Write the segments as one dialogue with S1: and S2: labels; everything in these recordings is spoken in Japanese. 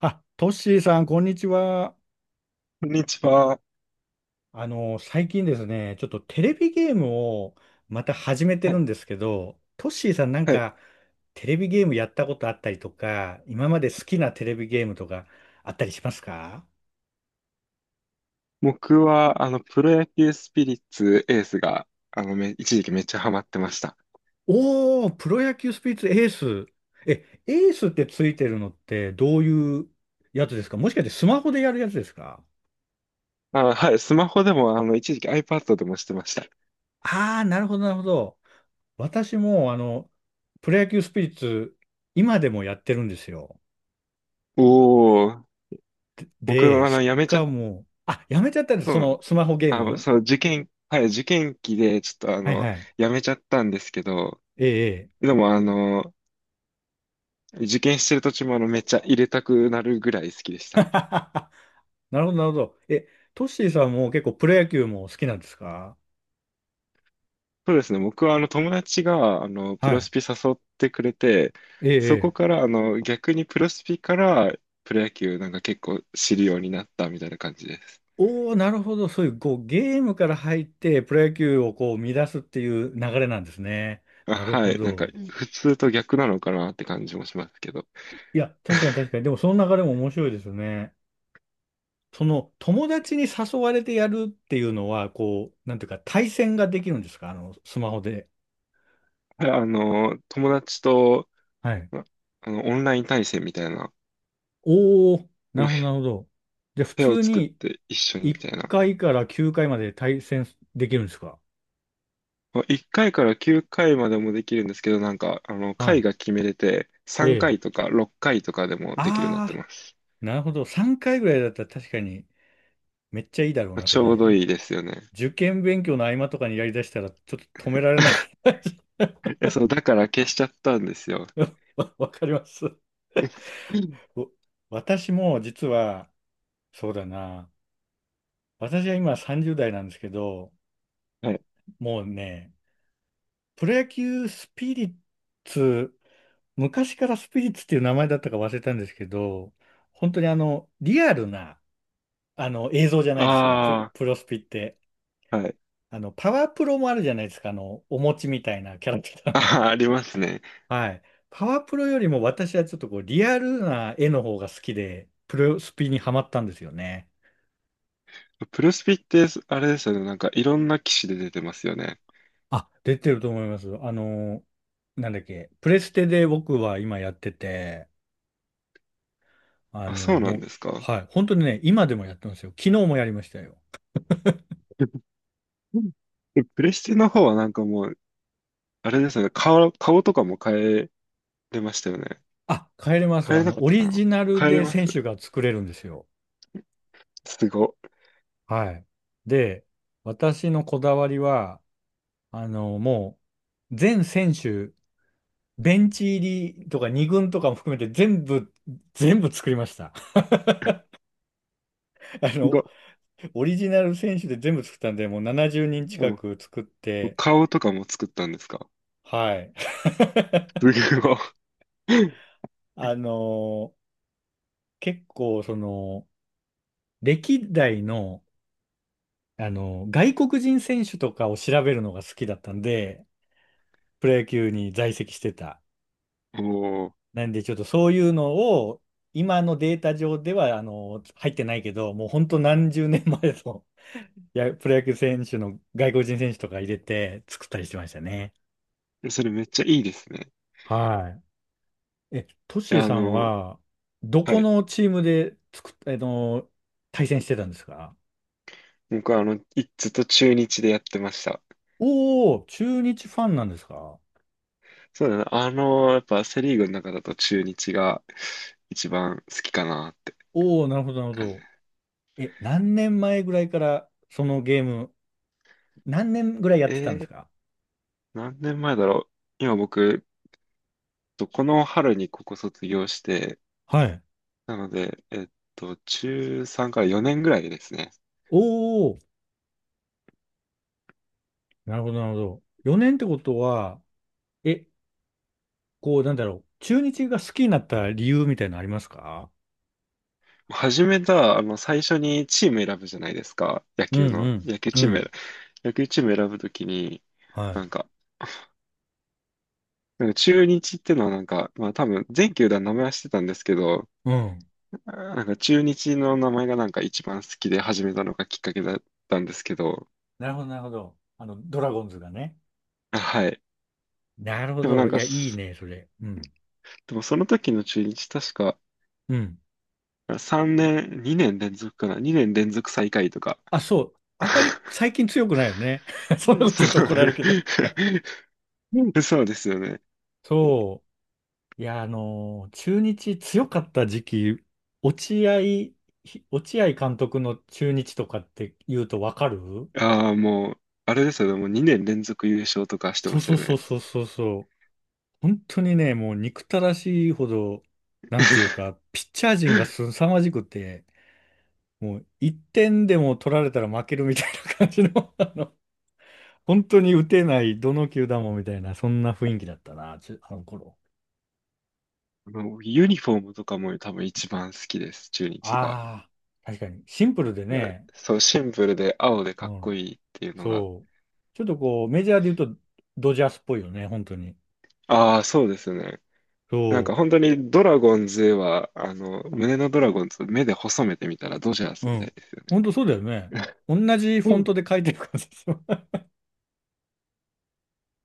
S1: あ、トッシーさん、こんにちは。
S2: こんにちは。
S1: 最近ですね、ちょっとテレビゲームをまた始めて
S2: は
S1: る
S2: い。
S1: んですけど、トッシーさんなん
S2: はい。
S1: かテレビゲームやったことあったりとか、今まで好きなテレビゲームとかあったりしますか？
S2: 僕は、プロ野球スピリッツエースが、一時期めっちゃハマってました。
S1: おー、プロ野球スピリッツエース。え、エースってついてるのってどういうやつですか？もしかしてスマホでやるやつですか？
S2: あ、はい。スマホでも、一時期 iPad でもしてました。
S1: ああー、なるほど、なるほど。私もプロ野球スピリッツ今でもやってるんですよ。
S2: おー。僕
S1: で、
S2: は、
S1: し
S2: やめちゃ
S1: か
S2: っ
S1: も、あ、やめちゃったんです、そ
S2: たん
S1: の
S2: で
S1: ス
S2: す。
S1: マホゲー
S2: あ、
S1: ム。
S2: そう、受験、はい、受験期で、ちょっと、
S1: はいはい。
S2: やめちゃったんですけど、
S1: ええ、ええ。
S2: でも、受験してる途中も、めっちゃ入れたくなるぐらい好きでした。
S1: なるほど、なるほど。え、トッシーさんも結構プロ野球も好きなんですか？
S2: そうですね。僕は友達がプ
S1: は
S2: ロ
S1: い。
S2: スピ誘ってくれて、
S1: ええ、
S2: そこ
S1: ええ。
S2: から逆にプロスピからプロ野球なんか結構知るようになったみたいな感じです。
S1: おー、なるほど。そういう、こう、ゲームから入って、プロ野球をこう、乱すっていう流れなんですね。
S2: あ、
S1: なる
S2: は
S1: ほ
S2: い。なんか
S1: ど。
S2: うん。普通と逆なのかなって感じもしますけど。
S1: いや、確かに確 かに。でも、その流れも面白いですよね。その、友達に誘われてやるっていうのは、こう、なんていうか、対戦ができるんですか？スマホで。
S2: はい。友達と、
S1: はい。
S2: あオンライン対戦みたいな、
S1: おお、
S2: あ
S1: なる
S2: の、
S1: ほど、なるほど。じゃあ、普
S2: 部屋を
S1: 通
S2: 作っ
S1: に
S2: て一緒に
S1: 1
S2: み
S1: 回
S2: たいな
S1: から9回まで対戦できるんですか？
S2: 1回かいから9回までもできるんですけど、なんか、回
S1: は
S2: が決めれて、
S1: い。え
S2: 3
S1: え。
S2: 回とか6回とかでもできるようになって
S1: ああ、
S2: ます。
S1: なるほど。3回ぐらいだったら確かにめっちゃいいだろう
S2: まあ
S1: な、そ
S2: ちょうど
S1: れ。
S2: いいですよね。
S1: 受験勉強の合間とかにやりだしたらちょっと止められない。
S2: いや、そう、だから消しちゃったんですよ。
S1: わかります。お、私も実は、そうだな。私は今30代なんですけど、
S2: はい。
S1: もうね、プロ野球スピリッツ昔からスピリッツっていう名前だったか忘れたんですけど、本当にリアルな、映像じゃないですか、
S2: あ
S1: プロスピって。
S2: あ、はい。
S1: パワープロもあるじゃないですか、お餅みたいなキャラクター
S2: あ
S1: の。
S2: あ、ありますね。
S1: はい。パワープロよりも私はちょっとこう、リアルな絵の方が好きで、プロスピにハマったんですよね。
S2: プロスピって、あれですよね。なんか、いろんな機種で出てますよね。
S1: あ、出てると思います。なんだっけ、プレステで僕は今やってて、あ
S2: あ、
S1: の、
S2: そうなん
S1: もう、
S2: ですか？
S1: はい、本当にね、今でもやってますよ。昨日もやりましたよ。
S2: うん。でプレステの方はなんかもう、あれですよね。顔とかも変えれましたよね。
S1: あ、帰れます。
S2: 変えれなかっ
S1: オ
S2: たか
S1: リ
S2: な。
S1: ジナル
S2: 変えれ
S1: で
S2: ま
S1: 選
S2: す。
S1: 手が作れるんですよ。
S2: すご。
S1: はい。で、私のこだわりは、あの、も全選手、ベンチ入りとか二軍とかも含めて全部、全部作りました。あ
S2: す
S1: の、
S2: ご。
S1: オリジナル選手で全部作ったんで、もう70人
S2: で
S1: 近
S2: も
S1: く作って、
S2: 顔とかも作ったんですか？
S1: はい。
S2: すごい。
S1: あの、結構、その、歴代の、外国人選手とかを調べるのが好きだったんで、プロ野球に在籍してた。
S2: お
S1: なんで、ちょっとそういうのを、今のデータ上では、入ってないけど、もう本当何十年前の いや、プロ野球選手の外国人選手とか入れて作ったりしてましたね。
S2: ー、それめっちゃいいですね。
S1: はい。え、トッ
S2: い
S1: シー
S2: や、
S1: さんは、ど
S2: は
S1: こ
S2: い。
S1: のチームで作っ、あの、対戦してたんですか？
S2: 僕はずっと中日でやってました。
S1: おー、中日ファンなんですか？
S2: そうだな。やっぱセリーグの中だと中日が一番好きかなって
S1: おおー、なるほど、なるほ
S2: 感じ。
S1: ど。え、何年前ぐらいからそのゲーム、何年ぐらいやってたん
S2: え
S1: です
S2: ー、
S1: か？
S2: 何年前だろう。今僕、とこの春にここ卒業して、
S1: はい。
S2: なので、中3から4年ぐらいですね。
S1: お、なるほど、なるほど。4年ってことは、え、こう、なんだろう。中日が好きになった理由みたいなのありますか？
S2: 始めた、最初にチーム選ぶじゃないですか。野
S1: う
S2: 球
S1: んう
S2: の。
S1: ん。うん。
S2: 野球チーム選ぶときに、
S1: は
S2: な
S1: い。
S2: んか、なんか、中日ってのはなんか、まあ多分全球団名前はしてたんですけど、
S1: うん。
S2: なんか中日の名前がなんか一番好きで始めたのがきっかけだったんですけど、
S1: なるほど、なるほど。ドラゴンズがね。
S2: あ、はい。
S1: なるほ
S2: でもな
S1: ど。
S2: ん
S1: い
S2: か
S1: や、いい
S2: す、
S1: ね、それ。うん。
S2: でもその時の中日確か、
S1: うん。
S2: 3年、2年連続かな？ 2 年連続最下位とか。
S1: あ、そう。あんまり 最近強くないよね。そんなことち
S2: そ
S1: ょっと
S2: う。
S1: 怒られるけど。
S2: そうですよね。
S1: そう。いや、あのー中日強かった時期、落合、落合監督の中日とかって言うとわかる？
S2: ああ、もう、あれですよね。もう2年連続優勝とかして
S1: そう
S2: ます
S1: そ
S2: よ
S1: うそう
S2: ね。
S1: そうそうそう。本当にね、もう憎たらしいほど、なんていうか、ピッチャー陣が 凄まじくて、もう1点でも取られたら負けるみたいな感じの、本当に打てない、どの球団もみたいな、そんな雰囲気だったな、あの頃。
S2: もうユニフォームとかも多分一番好きです、中日が。
S1: ああ、確かに、シンプルで
S2: うん、
S1: ね、
S2: そう、シンプルで青で
S1: う
S2: かっこ
S1: ん、
S2: いいっていうのが。
S1: そう。ちょっとこう、メジャーで言うと、ドジャースっぽいよね、本当に。
S2: ああ、そうですね。なん
S1: そ
S2: か本当にドラゴンズは、胸のドラゴンズ、目で細めてみたらドジャー
S1: う、
S2: ス
S1: う
S2: みた
S1: ん。
S2: いですよ
S1: 本当そうだよね。
S2: ね。
S1: 同じフォン トで書いてる感じですよ。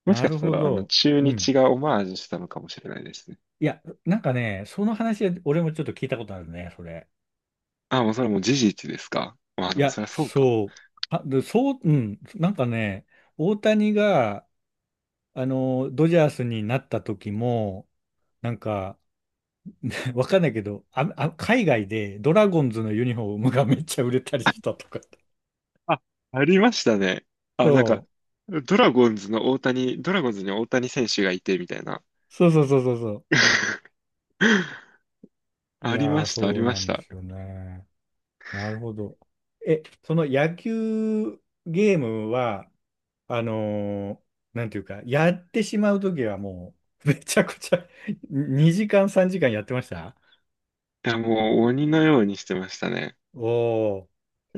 S2: もし
S1: な
S2: か
S1: る
S2: した
S1: ほ
S2: ら、
S1: ど。
S2: 中
S1: うん。
S2: 日がオマージュしたのかもしれないですね。
S1: いや、なんかね、その話、俺もちょっと聞いたことあるね、それ。
S2: あ、もうそれもう事実ですか？まあ
S1: い
S2: でも
S1: や、
S2: そりゃそうか。
S1: そう。あ、でそう、うん、なんかね、大谷が、ドジャースになった時も、なんか、わかんないけど、海外でドラゴンズのユニフォームがめっちゃ売れたりしたとかって。
S2: あ、ありましたね。あ、なん
S1: そ
S2: か、
S1: う。
S2: ドラゴンズの大谷、ドラゴンズに大谷選手がいて、みたいな。
S1: そうそうそうそうそ う。い
S2: あり
S1: や
S2: ま
S1: ー、
S2: した、あり
S1: そう
S2: ま
S1: な
S2: し
S1: んで
S2: た。
S1: すよね。なるほど。え、その野球ゲームは、あのーなんていうか、やってしまうときはもう、めちゃくちゃ2 時間、3時間やってました？
S2: いや、もう鬼のようにしてましたね。
S1: おー、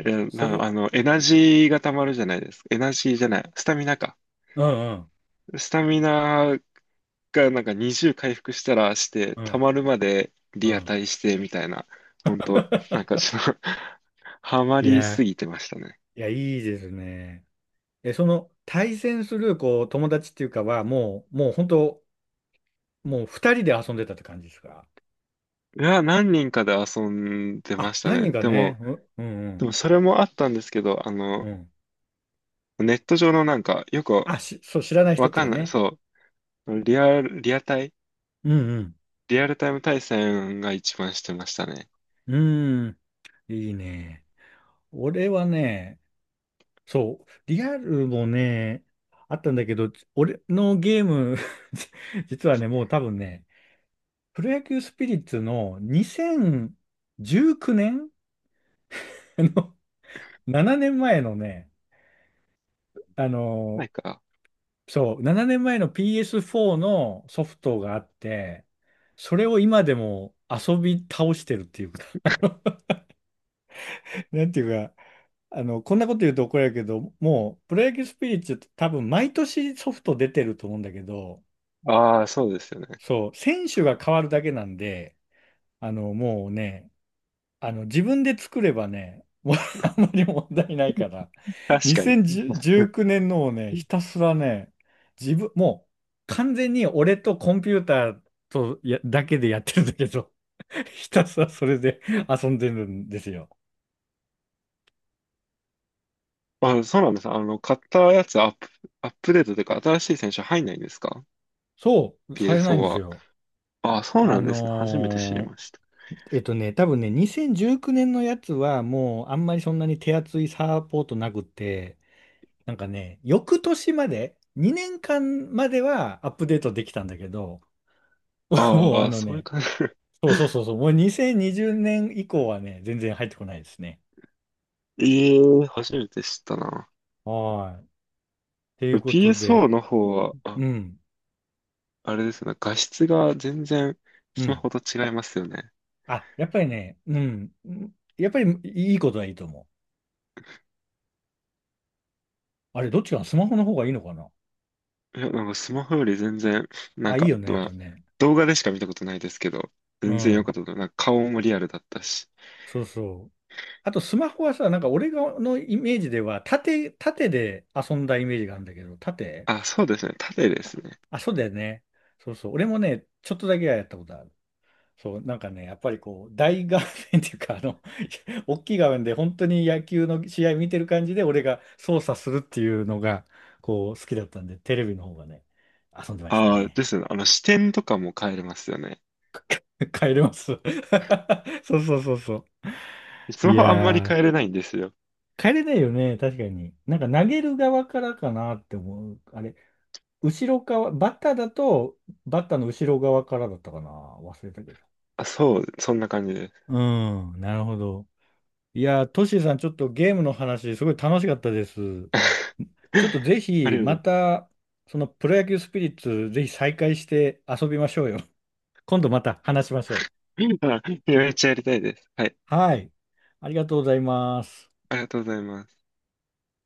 S2: いや、
S1: そ
S2: な、
S1: れ、
S2: あの、エナジーが溜まるじゃないですか。エナジーじゃない。スタミナか。
S1: うんうん、
S2: スタミナ回なんか20回復したらして、
S1: う
S2: 溜
S1: ん、
S2: まるまで
S1: う
S2: リア
S1: ん。
S2: タイしてみたいな、ほんと、なんかちょっと ハマ
S1: い
S2: り
S1: や、
S2: すぎてましたね。
S1: いや、いいですね。え、その、対戦する、こう、友達っていうかは、もう本当、もう2人で遊んでたって感じですか？
S2: いや、何人かで遊んでま
S1: あ、
S2: した
S1: 何
S2: ね。
S1: 人か
S2: で
S1: ね、
S2: も、
S1: う、う
S2: でも
S1: ん、
S2: それもあったんですけど、
S1: うん、うん。
S2: ネット上のなんか、よく
S1: あ、し、そう、知らない人
S2: わ
S1: ってい
S2: か
S1: う
S2: ん
S1: か
S2: ない、
S1: ね。
S2: そう、
S1: うん、
S2: リアルタイム対戦が一番してましたね。
S1: うん、うーん、いいね。俺はね、そう。リアルもね、あったんだけど、俺のゲーム 実はね、もう多分ね、プロ野球スピリッツの2019年あ の、7年前のね、あ
S2: な
S1: の、
S2: んか、
S1: そう、7年前の PS4 のソフトがあって、それを今でも遊び倒してるっていうか なんていうか、こんなこと言うと怒られるけど、もう、プロ野球スピリッツって多分毎年ソフト出てると思うんだけど、
S2: ああ、そうですよね。
S1: そう、選手が変わるだけなんで、あの、もうね、あの、自分で作ればね、もう あんまり問題ないから、
S2: 確かに。
S1: 2019 年のをね、ひたすらね、自分、もう完全に俺とコンピューターとやだけでやってるんだけど、ひたすらそれで遊んでるんですよ。
S2: あ、そうなんです。買ったやつアップデートというか、新しい選手入んないんですか？
S1: そう、されない
S2: PSO
S1: んです
S2: は。
S1: よ。
S2: あ、そう
S1: あ
S2: なんですね。初めて知り
S1: のー
S2: ました。
S1: えっとね、多分ね、2019年のやつはもうあんまりそんなに手厚いサポートなくて、なんかね、翌年まで、2年間まではアップデートできたんだけど、もう
S2: あ
S1: あ
S2: あ、
S1: の
S2: そういう
S1: ね、
S2: 感じ。
S1: そうそうそ うそう、もう2020年以降はね、全然入ってこないですね。
S2: ええ、初めて知ったな。
S1: はい。っていうことで、
S2: PSO の方は、
S1: う
S2: あ、
S1: ん、
S2: あれですね。画質が全然
S1: う
S2: スマ
S1: ん。
S2: ホと違いますよね。
S1: あ、やっぱりね、うん、うんやっぱりいいことはいいと思う。あれ、どっちかなスマホの方がいいのかな？
S2: いや、なんかスマホより全然、なん
S1: あ、いい
S2: か、
S1: よね、やっ
S2: ま
S1: ぱ
S2: あ、
S1: ね。
S2: 動画でしか見たことないですけど、
S1: う
S2: 全然良か
S1: ん、
S2: ったと思う。なんか顔もリアルだったし。
S1: そうそう。あと、スマホはさ、なんか俺のイメージでは、縦で遊んだイメージがあるんだけど、縦。
S2: あ、そうですね。縦で
S1: あ、
S2: すね。
S1: あそうだよね。そうそう。俺もね、ちょっとだけはやったことある。そう、なんかね、やっぱりこう、大画面っていうか、大きい画面で本当に野球の試合見てる感じで、俺が操作するっていうのが、こう、好きだったんで、テレビの方がね、遊んでました
S2: ああ、
S1: ね。
S2: ですね。視点とかも変えれますよね。
S1: 帰れます。そうそうそうそう。
S2: スマ
S1: い
S2: ホあんまり変
S1: や
S2: えれないんですよ。
S1: ー、帰れないよね、確かに。なんか投げる側からかなって思う。あれ、後ろ側、バッターだと、バッターの後ろ側からだったかな。忘れたけど。
S2: あ、そう、そんな感じです。
S1: うん、なるほど。いやー、トシーさん、ちょっとゲームの話、すごい楽しかったです。ちょっとぜ
S2: あ
S1: ひ、
S2: りがとう
S1: ま
S2: ご
S1: た、そのプロ野球スピリッツ、ぜひ再開して遊びましょうよ。今度また話しましょ
S2: ざいます。あ、いやめっちゃやりたいです。はい。
S1: う。はい。ありがとうございます。
S2: ありがとうございます。